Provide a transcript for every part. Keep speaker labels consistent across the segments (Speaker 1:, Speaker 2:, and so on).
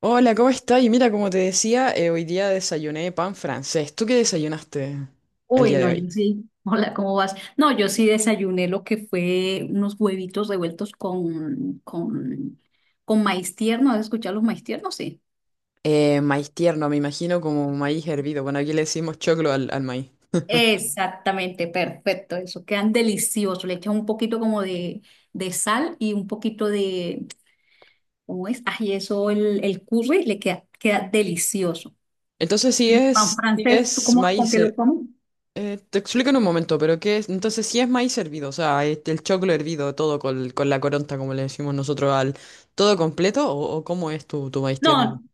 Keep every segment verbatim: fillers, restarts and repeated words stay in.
Speaker 1: Hola, ¿cómo estás? Y mira, como te decía, eh, hoy día desayuné pan francés. ¿Tú qué desayunaste el
Speaker 2: Uy,
Speaker 1: día de
Speaker 2: no,
Speaker 1: hoy?
Speaker 2: yo sí. Hola, ¿cómo vas? No, yo sí desayuné lo que fue unos huevitos revueltos con, con, con maíz tierno. ¿Has escuchado los maíz tiernos? Sí.
Speaker 1: Eh, maíz tierno, me imagino como maíz hervido. Bueno, aquí le decimos choclo al, al maíz.
Speaker 2: Exactamente, perfecto. Eso quedan deliciosos. Le echan un poquito como de, de sal y un poquito de, ¿cómo es? Ay, eso, el, el curry le queda, queda delicioso.
Speaker 1: Entonces, si
Speaker 2: ¿Y pan
Speaker 1: es, si
Speaker 2: francés, tú
Speaker 1: es
Speaker 2: cómo, con
Speaker 1: maíz...
Speaker 2: qué lo
Speaker 1: her-
Speaker 2: comes?
Speaker 1: eh, te explico en un momento, pero ¿qué es? Entonces, si es maíz hervido, o sea, este, el choclo hervido, todo con, con la coronta, como le decimos nosotros, al todo completo, ¿o, o cómo es tu, tu maíz tierno?
Speaker 2: No,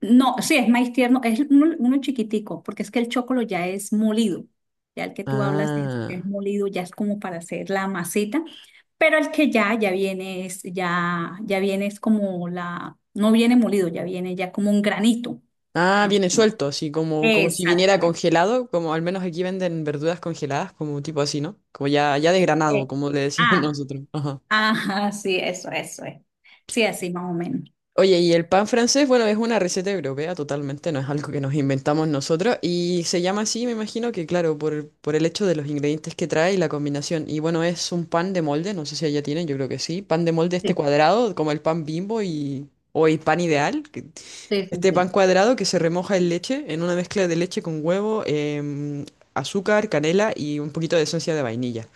Speaker 2: no, sí, es maíz tierno, es uno, uno chiquitico, porque es que el chocolo ya es molido. Ya el que tú hablas es, es
Speaker 1: Ah.
Speaker 2: molido, ya es como para hacer la masita, pero el que ya, ya viene es, ya, ya viene es como la, no viene molido, ya viene ya como un granito.
Speaker 1: Ah,
Speaker 2: Más o
Speaker 1: viene
Speaker 2: menos.
Speaker 1: suelto, así como, como si viniera
Speaker 2: Exactamente.
Speaker 1: congelado, como al menos aquí venden verduras congeladas, como tipo así, ¿no? Como ya, ya desgranado,
Speaker 2: Eh,
Speaker 1: como le decimos
Speaker 2: ah,
Speaker 1: nosotros. Ajá.
Speaker 2: ajá, sí, eso, eso es. Sí, así más o menos.
Speaker 1: Oye, y el pan francés, bueno, es una receta europea totalmente, no es algo que nos inventamos nosotros, y se llama así, me imagino que, claro, por, por el hecho de los ingredientes que trae y la combinación. Y bueno, es un pan de molde, no sé si allá tienen, yo creo que sí, pan de molde este
Speaker 2: Sí,
Speaker 1: cuadrado, como el pan Bimbo y, o el pan ideal, que...
Speaker 2: sí, sí,
Speaker 1: Este pan
Speaker 2: sí.
Speaker 1: cuadrado que se remoja en leche, en una mezcla de leche con huevo, em, azúcar, canela y un poquito de esencia de vainilla.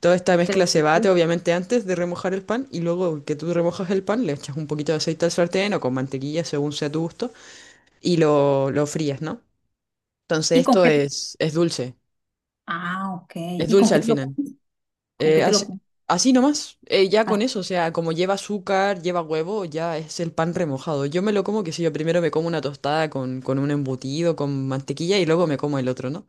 Speaker 1: Toda esta mezcla
Speaker 2: Pero-
Speaker 1: se bate obviamente antes de remojar el pan y luego que tú remojas el pan le echas un poquito de aceite al sartén o con mantequilla según sea tu gusto y lo, lo frías, ¿no? Entonces
Speaker 2: ¿y con
Speaker 1: esto
Speaker 2: qué te-
Speaker 1: es, es dulce,
Speaker 2: Ah, ok.
Speaker 1: es
Speaker 2: ¿Y con
Speaker 1: dulce
Speaker 2: qué
Speaker 1: al
Speaker 2: te lo
Speaker 1: final.
Speaker 2: comes? ¿Con
Speaker 1: Eh,
Speaker 2: qué te
Speaker 1: así,
Speaker 2: lo comes?
Speaker 1: así nomás, eh, ya con
Speaker 2: Ah,
Speaker 1: eso, o sea, como lleva azúcar, lleva huevo, ya es el pan remojado. Yo me lo como que si yo primero me como una tostada con, con un embutido, con mantequilla y luego me como el otro, ¿no?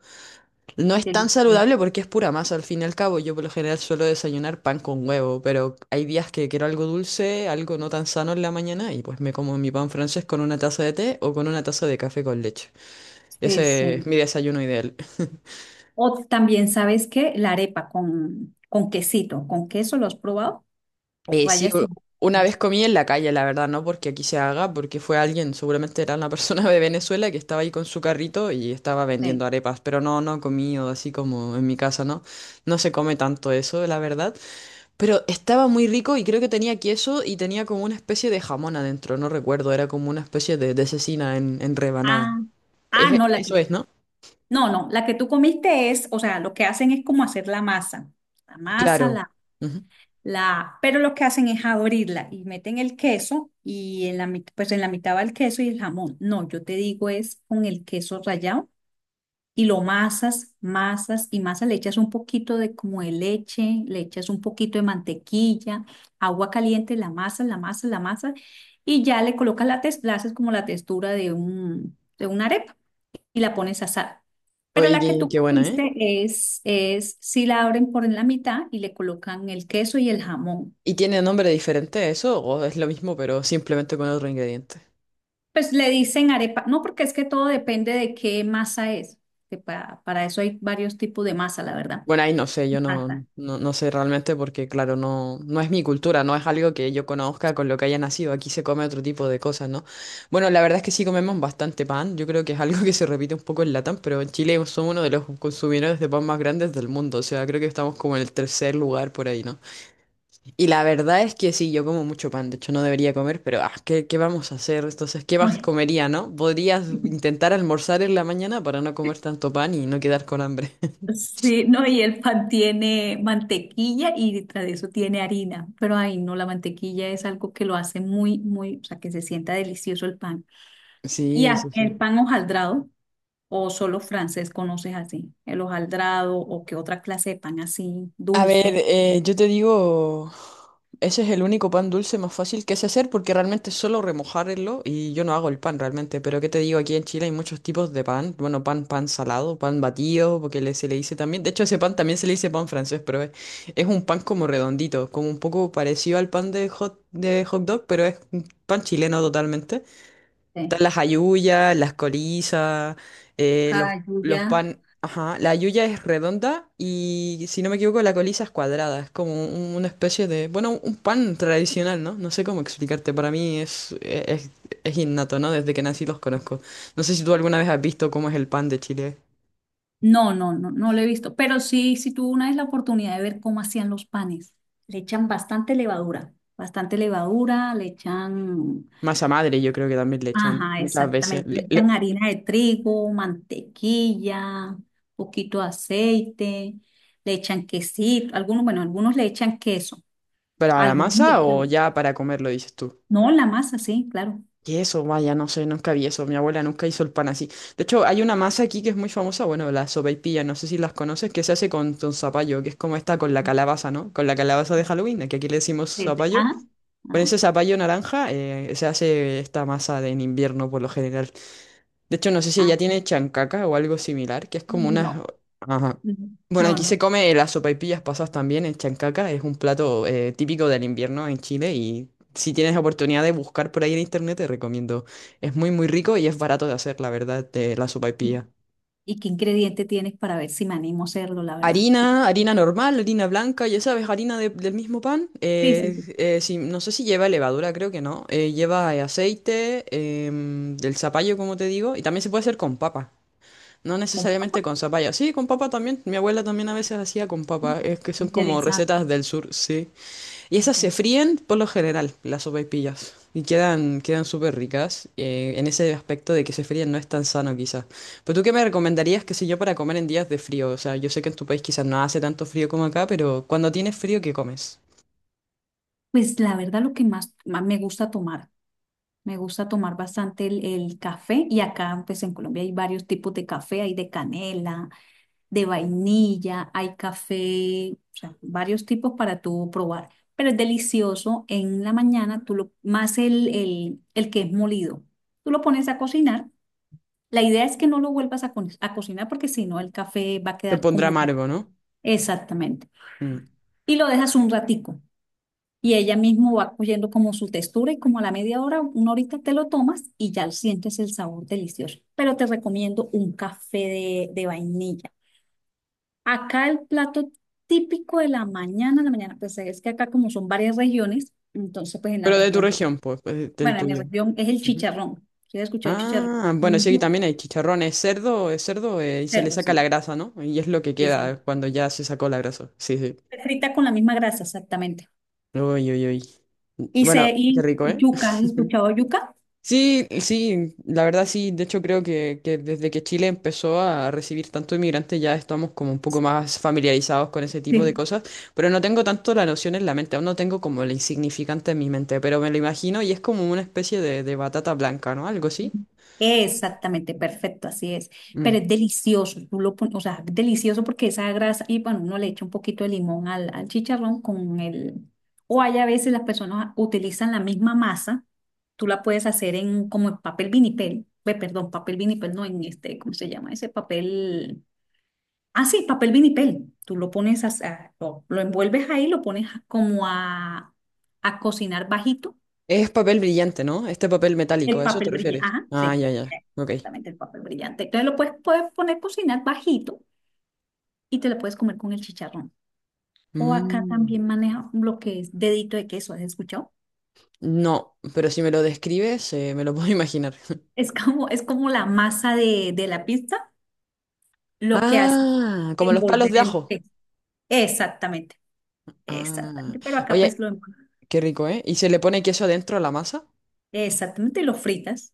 Speaker 1: No es tan
Speaker 2: delicioso.
Speaker 1: saludable porque es pura masa al fin y al cabo. Yo por lo general suelo desayunar pan con huevo, pero hay días que quiero algo dulce, algo no tan sano en la mañana y pues me como mi pan francés con una taza de té o con una taza de café con leche.
Speaker 2: Sí,
Speaker 1: Ese es
Speaker 2: sí.
Speaker 1: mi desayuno ideal.
Speaker 2: O también, ¿sabes qué? La arepa con, con quesito, con queso, ¿lo has probado?
Speaker 1: Eh, sí,
Speaker 2: Rayas
Speaker 1: u-
Speaker 2: en
Speaker 1: una vez
Speaker 2: queso.
Speaker 1: comí en la calle, la verdad, no porque aquí se haga, porque fue alguien, seguramente era una persona de Venezuela que estaba ahí con su carrito y estaba vendiendo
Speaker 2: Sí.
Speaker 1: arepas, pero no, no comí o así como en mi casa, ¿no? No se come tanto eso, la verdad, pero estaba muy rico y creo que tenía queso y tenía como una especie de jamón adentro, no recuerdo, era como una especie de, de cecina en, en rebanada.
Speaker 2: Ah, ah,
Speaker 1: Es-
Speaker 2: no, la que,
Speaker 1: eso es, ¿no?
Speaker 2: no, no, la que tú comiste es, o sea, lo que hacen es como hacer la masa, la masa,
Speaker 1: Claro.
Speaker 2: la,
Speaker 1: Ujú.
Speaker 2: la, pero lo que hacen es abrirla y meten el queso y en la, mit- pues en la mitad va el queso y el jamón. No, yo te digo es con el queso rallado y lo masas, masas y masas, le echas un poquito de como de leche, le echas un poquito de mantequilla, agua caliente, la masa, la masa, la masa, y ya le colocas la textura, la haces como la textura de un, de una arepa y la pones a asar. Pero
Speaker 1: Oye,
Speaker 2: la que
Speaker 1: qué,
Speaker 2: tú
Speaker 1: qué buena, ¿eh?
Speaker 2: comiste es, es, si la abren por en la mitad y le colocan el queso y el jamón.
Speaker 1: ¿Y tiene nombre diferente a eso o es lo mismo pero simplemente con otro ingrediente?
Speaker 2: Pues le dicen arepa, no, porque es que todo depende de qué masa es. Que pa- para eso hay varios tipos de masa, la verdad.
Speaker 1: Bueno, ahí no sé, yo no,
Speaker 2: Masa.
Speaker 1: no, no sé realmente porque, claro, no, no es mi cultura, no es algo que yo conozca con lo que haya nacido. Aquí se come otro tipo de cosas, ¿no? Bueno, la verdad es que sí comemos bastante pan. Yo creo que es algo que se repite un poco en Latam, pero en Chile somos uno de los consumidores de pan más grandes del mundo. O sea, creo que estamos como en el tercer lugar por ahí, ¿no? Y la verdad es que sí, yo como mucho pan. De hecho, no debería comer, pero ah, ¿qué, qué vamos a hacer? Entonces, ¿qué
Speaker 2: No,
Speaker 1: más
Speaker 2: es.
Speaker 1: comería, no? Podrías intentar almorzar en la mañana para no comer tanto pan y no quedar con hambre.
Speaker 2: Sí, no, y el pan tiene mantequilla y detrás de eso tiene harina, pero ahí no, la mantequilla es algo que lo hace muy, muy, o sea, que se sienta delicioso el pan. Y
Speaker 1: Sí,
Speaker 2: a-
Speaker 1: sí, sí.
Speaker 2: el pan hojaldrado, o solo francés conoces así, el hojaldrado o qué otra clase de pan así,
Speaker 1: A ver,
Speaker 2: dulce.
Speaker 1: eh, yo te digo, ese es el único pan dulce más fácil que sé hacer porque realmente es solo remojarlo y yo no hago el pan realmente. Pero ¿qué te digo? Aquí en Chile hay muchos tipos de pan. Bueno, pan, pan salado, pan batido, porque le- se le dice también. De hecho, ese pan también se le dice pan francés, pero es, es un pan como redondito, como un poco parecido al pan de hot, de hot dog, pero es un pan chileno totalmente.
Speaker 2: Sí.
Speaker 1: Están las halluyas, las corizas, eh, los,
Speaker 2: Hallyu
Speaker 1: los
Speaker 2: ya.
Speaker 1: pan. Ajá, la halluya es redonda y si no me equivoco, la coliza es cuadrada. Es como un- una especie de, bueno, un pan tradicional, ¿no? No sé cómo explicarte. Para mí es, es, es innato, ¿no? Desde que nací los conozco. No sé si tú alguna vez has visto cómo es el pan de Chile.
Speaker 2: No, no, no, no lo he visto, pero sí, sí tuve una vez la oportunidad de ver cómo hacían los panes. Le echan bastante levadura, bastante levadura, le echan.
Speaker 1: Masa madre, yo creo que también le echan
Speaker 2: Ajá,
Speaker 1: muchas veces.
Speaker 2: exactamente. Le
Speaker 1: Le-
Speaker 2: echan
Speaker 1: le-
Speaker 2: harina de trigo, mantequilla, poquito de aceite, le echan quesito, algunos, bueno, algunos le echan queso,
Speaker 1: ¿Para la
Speaker 2: algunos le
Speaker 1: masa o
Speaker 2: echan,
Speaker 1: ya para comerlo, dices tú?
Speaker 2: no, la masa, sí, claro.
Speaker 1: ¿Qué eso? Vaya, no sé, nunca vi eso. Mi abuela nunca hizo el pan así. De hecho, hay una masa aquí que es muy famosa, bueno, la sopaipilla, no sé si las conoces, que se hace con, con zapallo, que es como esta con la calabaza, ¿no? Con la calabaza de Halloween, que aquí le decimos
Speaker 2: Desde,
Speaker 1: zapallo.
Speaker 2: ah,
Speaker 1: Con
Speaker 2: ah,
Speaker 1: ese zapallo naranja eh, se hace esta masa de en invierno por lo general. De hecho, no sé si
Speaker 2: ah,
Speaker 1: ella tiene chancaca o algo similar, que es como una...
Speaker 2: no,
Speaker 1: Ajá. Bueno,
Speaker 2: no,
Speaker 1: aquí se
Speaker 2: no.
Speaker 1: come las sopaipillas pasas también en chancaca, es un plato eh, típico del invierno en Chile y si tienes oportunidad de buscar por ahí en internet te recomiendo. Es muy muy rico y es barato de hacer, la verdad, de la
Speaker 2: ¿Y,
Speaker 1: sopaipilla.
Speaker 2: y qué ingrediente tienes para ver si me animo a hacerlo, la verdad?
Speaker 1: Harina, harina normal, harina blanca, ya sabes, harina de- del mismo pan.
Speaker 2: Sí, sí,
Speaker 1: eh,
Speaker 2: sí.
Speaker 1: eh, si- no sé si lleva levadura, creo que no. eh, lleva eh, aceite, em, del zapallo, como te digo, y también se puede hacer con papa. No
Speaker 2: Con
Speaker 1: necesariamente
Speaker 2: pan.
Speaker 1: con zapallo. Sí, con papa también. Mi abuela también a veces hacía con papa. Es que son como
Speaker 2: Interesante.
Speaker 1: recetas del sur, sí. Y esas se fríen por lo general, las sopaipillas. Y quedan, quedan súper ricas eh, en ese aspecto de que se fríen no es tan sano quizás. Pero tú qué me recomendarías, qué sé yo, para comer en días de frío? O sea, yo sé que en tu país quizás no hace tanto frío como acá, pero cuando tienes frío, ¿qué comes?
Speaker 2: Pues la verdad lo que más, más me gusta tomar. Me gusta tomar bastante el, el café y acá pues en Colombia hay varios tipos de café, hay de canela, de vainilla, hay café, o sea, varios tipos para tú probar. Pero es delicioso en la mañana, tú lo, más el, el, el que es molido. Tú lo pones a cocinar. La idea es que no lo vuelvas a, co- a cocinar porque si no el café va a
Speaker 1: Te
Speaker 2: quedar
Speaker 1: pondrá
Speaker 2: como ya.
Speaker 1: amargo, ¿no?
Speaker 2: Exactamente.
Speaker 1: Mm.
Speaker 2: Y lo dejas un ratico. Y ella mismo va cogiendo como su textura y como a la media hora, una horita te lo tomas y ya sientes el sabor delicioso. Pero te recomiendo un café de, de vainilla. Acá el plato típico de la mañana, la mañana, pues es que acá como son varias regiones, entonces pues en la
Speaker 1: Pero de tu
Speaker 2: región,
Speaker 1: región, pues, pues, del
Speaker 2: bueno, en mi
Speaker 1: tuyo.
Speaker 2: región es el chicharrón. ¿Sí has escuchado el chicharrón?
Speaker 1: Ah, bueno, sí,
Speaker 2: Un
Speaker 1: aquí también hay chicharrón, es cerdo, es cerdo eh, y se le
Speaker 2: cerdo,
Speaker 1: saca la
Speaker 2: sí.
Speaker 1: grasa, ¿no? Y es lo que
Speaker 2: Sí, sí.
Speaker 1: queda cuando ya se sacó la grasa. Sí, sí.
Speaker 2: Frita con la misma grasa, exactamente.
Speaker 1: Uy, uy, uy.
Speaker 2: Y,
Speaker 1: Bueno,
Speaker 2: se,
Speaker 1: qué
Speaker 2: y
Speaker 1: rico, ¿eh?
Speaker 2: yuca, ¿has escuchado yuca?
Speaker 1: Sí, sí, la verdad sí, de hecho creo que, que desde que Chile empezó a recibir tanto inmigrante ya estamos como un poco más familiarizados con ese tipo de
Speaker 2: Sí.
Speaker 1: cosas, pero no tengo tanto la noción en la mente, aún no tengo como el insignificante en mi mente, pero me lo imagino y es como una especie de, de batata blanca, ¿no? Algo así.
Speaker 2: Exactamente, perfecto, así es. Pero
Speaker 1: Mm.
Speaker 2: es delicioso, tú lo pon- o sea, es delicioso porque esa grasa, y bueno, uno le echa un poquito de limón al, al chicharrón con el, o hay a veces las personas utilizan la misma masa, tú la puedes hacer en como en papel vinipel, ve, perdón, papel vinipel, no en este, ¿cómo se llama ese papel? Ah, sí, papel vinipel, tú lo pones, a, a- lo, lo envuelves ahí, lo pones a- como a, a cocinar bajito
Speaker 1: Es papel brillante, ¿no? Este papel metálico,
Speaker 2: el
Speaker 1: ¿a eso te
Speaker 2: papel brillante,
Speaker 1: refieres?
Speaker 2: ajá,
Speaker 1: Ah,
Speaker 2: sí,
Speaker 1: ya, ya. Ok.
Speaker 2: exactamente el papel brillante. Entonces lo puedes, puedes poner a cocinar bajito y te lo puedes comer con el chicharrón. O acá
Speaker 1: Mm.
Speaker 2: también maneja lo que es dedito de queso, ¿has escuchado?
Speaker 1: No, pero si me lo describes, eh, me lo puedo imaginar.
Speaker 2: Es como, es como la masa de, de la pizza, lo que hace
Speaker 1: Ah,
Speaker 2: es
Speaker 1: como los palos
Speaker 2: envolver
Speaker 1: de
Speaker 2: el
Speaker 1: ajo.
Speaker 2: queso. Exactamente,
Speaker 1: Ah,
Speaker 2: exactamente. Pero acá
Speaker 1: oye,
Speaker 2: pues lo envuelves.
Speaker 1: qué rico, ¿eh? ¿Y se le pone queso adentro a la masa?
Speaker 2: Exactamente, y lo fritas.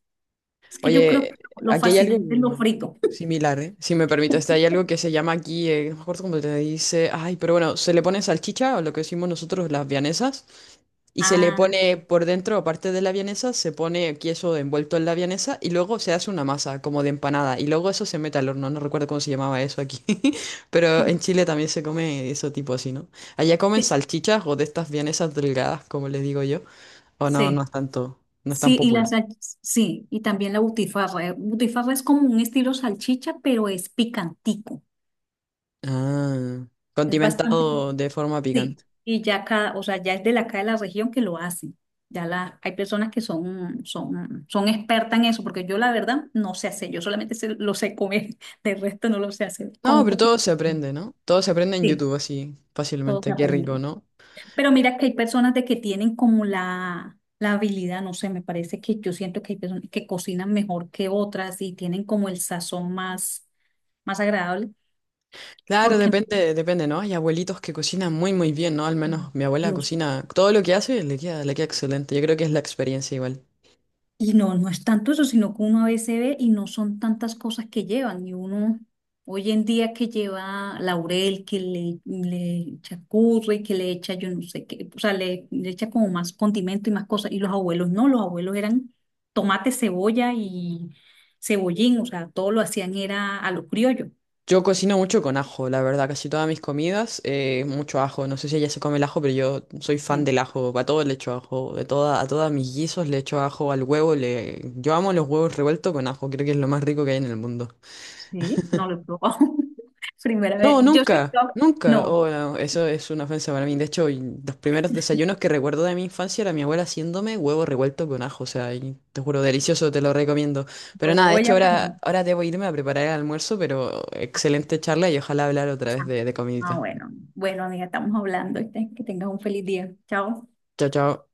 Speaker 2: Es que yo creo
Speaker 1: Oye,
Speaker 2: que lo
Speaker 1: aquí hay algo
Speaker 2: fascinante es lo frito.
Speaker 1: similar, ¿eh? Si me permites, hay algo que se llama aquí, eh, no me acuerdo cómo te dice, ay, pero bueno, se le pone salchicha o lo que decimos nosotros las vianesas. Y se le
Speaker 2: Ah,
Speaker 1: pone por dentro, aparte de la vienesa, se pone queso envuelto en la vienesa y luego se hace una masa como de empanada y luego eso se mete al horno. No recuerdo cómo se llamaba eso aquí, pero
Speaker 2: sí,
Speaker 1: en Chile también se come eso tipo así, ¿no? Allá comen
Speaker 2: sí.
Speaker 1: salchichas o de estas vienesas delgadas, como les digo yo. O no, no
Speaker 2: Sí.
Speaker 1: es tanto, no es tan
Speaker 2: Sí, y la
Speaker 1: popular.
Speaker 2: sal- sí, y también la butifarra. eh, Butifarra es como un estilo salchicha, pero es picantico.
Speaker 1: Ah,
Speaker 2: Es bastante
Speaker 1: condimentado
Speaker 2: picante.
Speaker 1: de forma
Speaker 2: Sí.
Speaker 1: picante.
Speaker 2: Y ya cada, o sea, ya es de la acá de la región que lo hacen. Ya la, hay personas que son, son, son expertas en eso, porque yo la verdad no sé hacer, yo solamente sé- lo sé comer, del resto no lo sé hacer, con
Speaker 1: No,
Speaker 2: un
Speaker 1: pero
Speaker 2: poquito
Speaker 1: todo se
Speaker 2: de...
Speaker 1: aprende, ¿no? Todo se aprende en
Speaker 2: Sí,
Speaker 1: YouTube así
Speaker 2: todo se
Speaker 1: fácilmente. Qué rico,
Speaker 2: aprende.
Speaker 1: ¿no?
Speaker 2: Pero mira que hay personas de que tienen como la, la habilidad, no sé, me parece que yo siento que hay personas que cocinan mejor que otras y tienen como el sazón más, más agradable,
Speaker 1: Claro,
Speaker 2: porque
Speaker 1: depende, depende, ¿no? Hay abuelitos que cocinan muy, muy bien, ¿no? Al
Speaker 2: mm,
Speaker 1: menos mi abuela
Speaker 2: Dios.
Speaker 1: cocina todo lo que hace, le queda, le queda excelente. Yo creo que es la experiencia igual.
Speaker 2: Y no, no es tanto eso, sino que uno a veces ve y no son tantas cosas que llevan. Y uno hoy en día que lleva laurel, que le, le echa curry, que le echa yo no sé qué, o sea, le, le echa como más condimento y más cosas. Y los abuelos no, los abuelos eran tomate, cebolla y cebollín, o sea, todo lo hacían era a lo criollo.
Speaker 1: Yo cocino mucho con ajo, la verdad, casi todas mis comidas, eh, mucho ajo. No sé si ella se come el ajo, pero yo soy fan
Speaker 2: Sí,
Speaker 1: del ajo. A todo le echo ajo, de toda, a todas mis guisos le echo ajo, al huevo le... Yo amo los huevos revueltos con ajo, creo que es lo más rico que hay en el mundo.
Speaker 2: sí, no lo he probado. Primera vez.
Speaker 1: No,
Speaker 2: Yo sí,
Speaker 1: nunca,
Speaker 2: yo-
Speaker 1: nunca.
Speaker 2: no,
Speaker 1: Oh, no, eso es una ofensa para mí. De hecho, y los primeros desayunos que recuerdo de mi infancia era mi abuela haciéndome huevo revuelto con ajo. O sea, y te juro, delicioso, te lo recomiendo.
Speaker 2: lo
Speaker 1: Pero nada, de
Speaker 2: voy
Speaker 1: hecho,
Speaker 2: a probar.
Speaker 1: ahora, ahora debo irme a preparar el almuerzo, pero excelente charla y ojalá hablar otra vez de, de
Speaker 2: Ah,
Speaker 1: comidita.
Speaker 2: bueno. Bueno, amiga, estamos hablando. ¿Viste? Que tengas un feliz día. Chao.
Speaker 1: Chao, chao.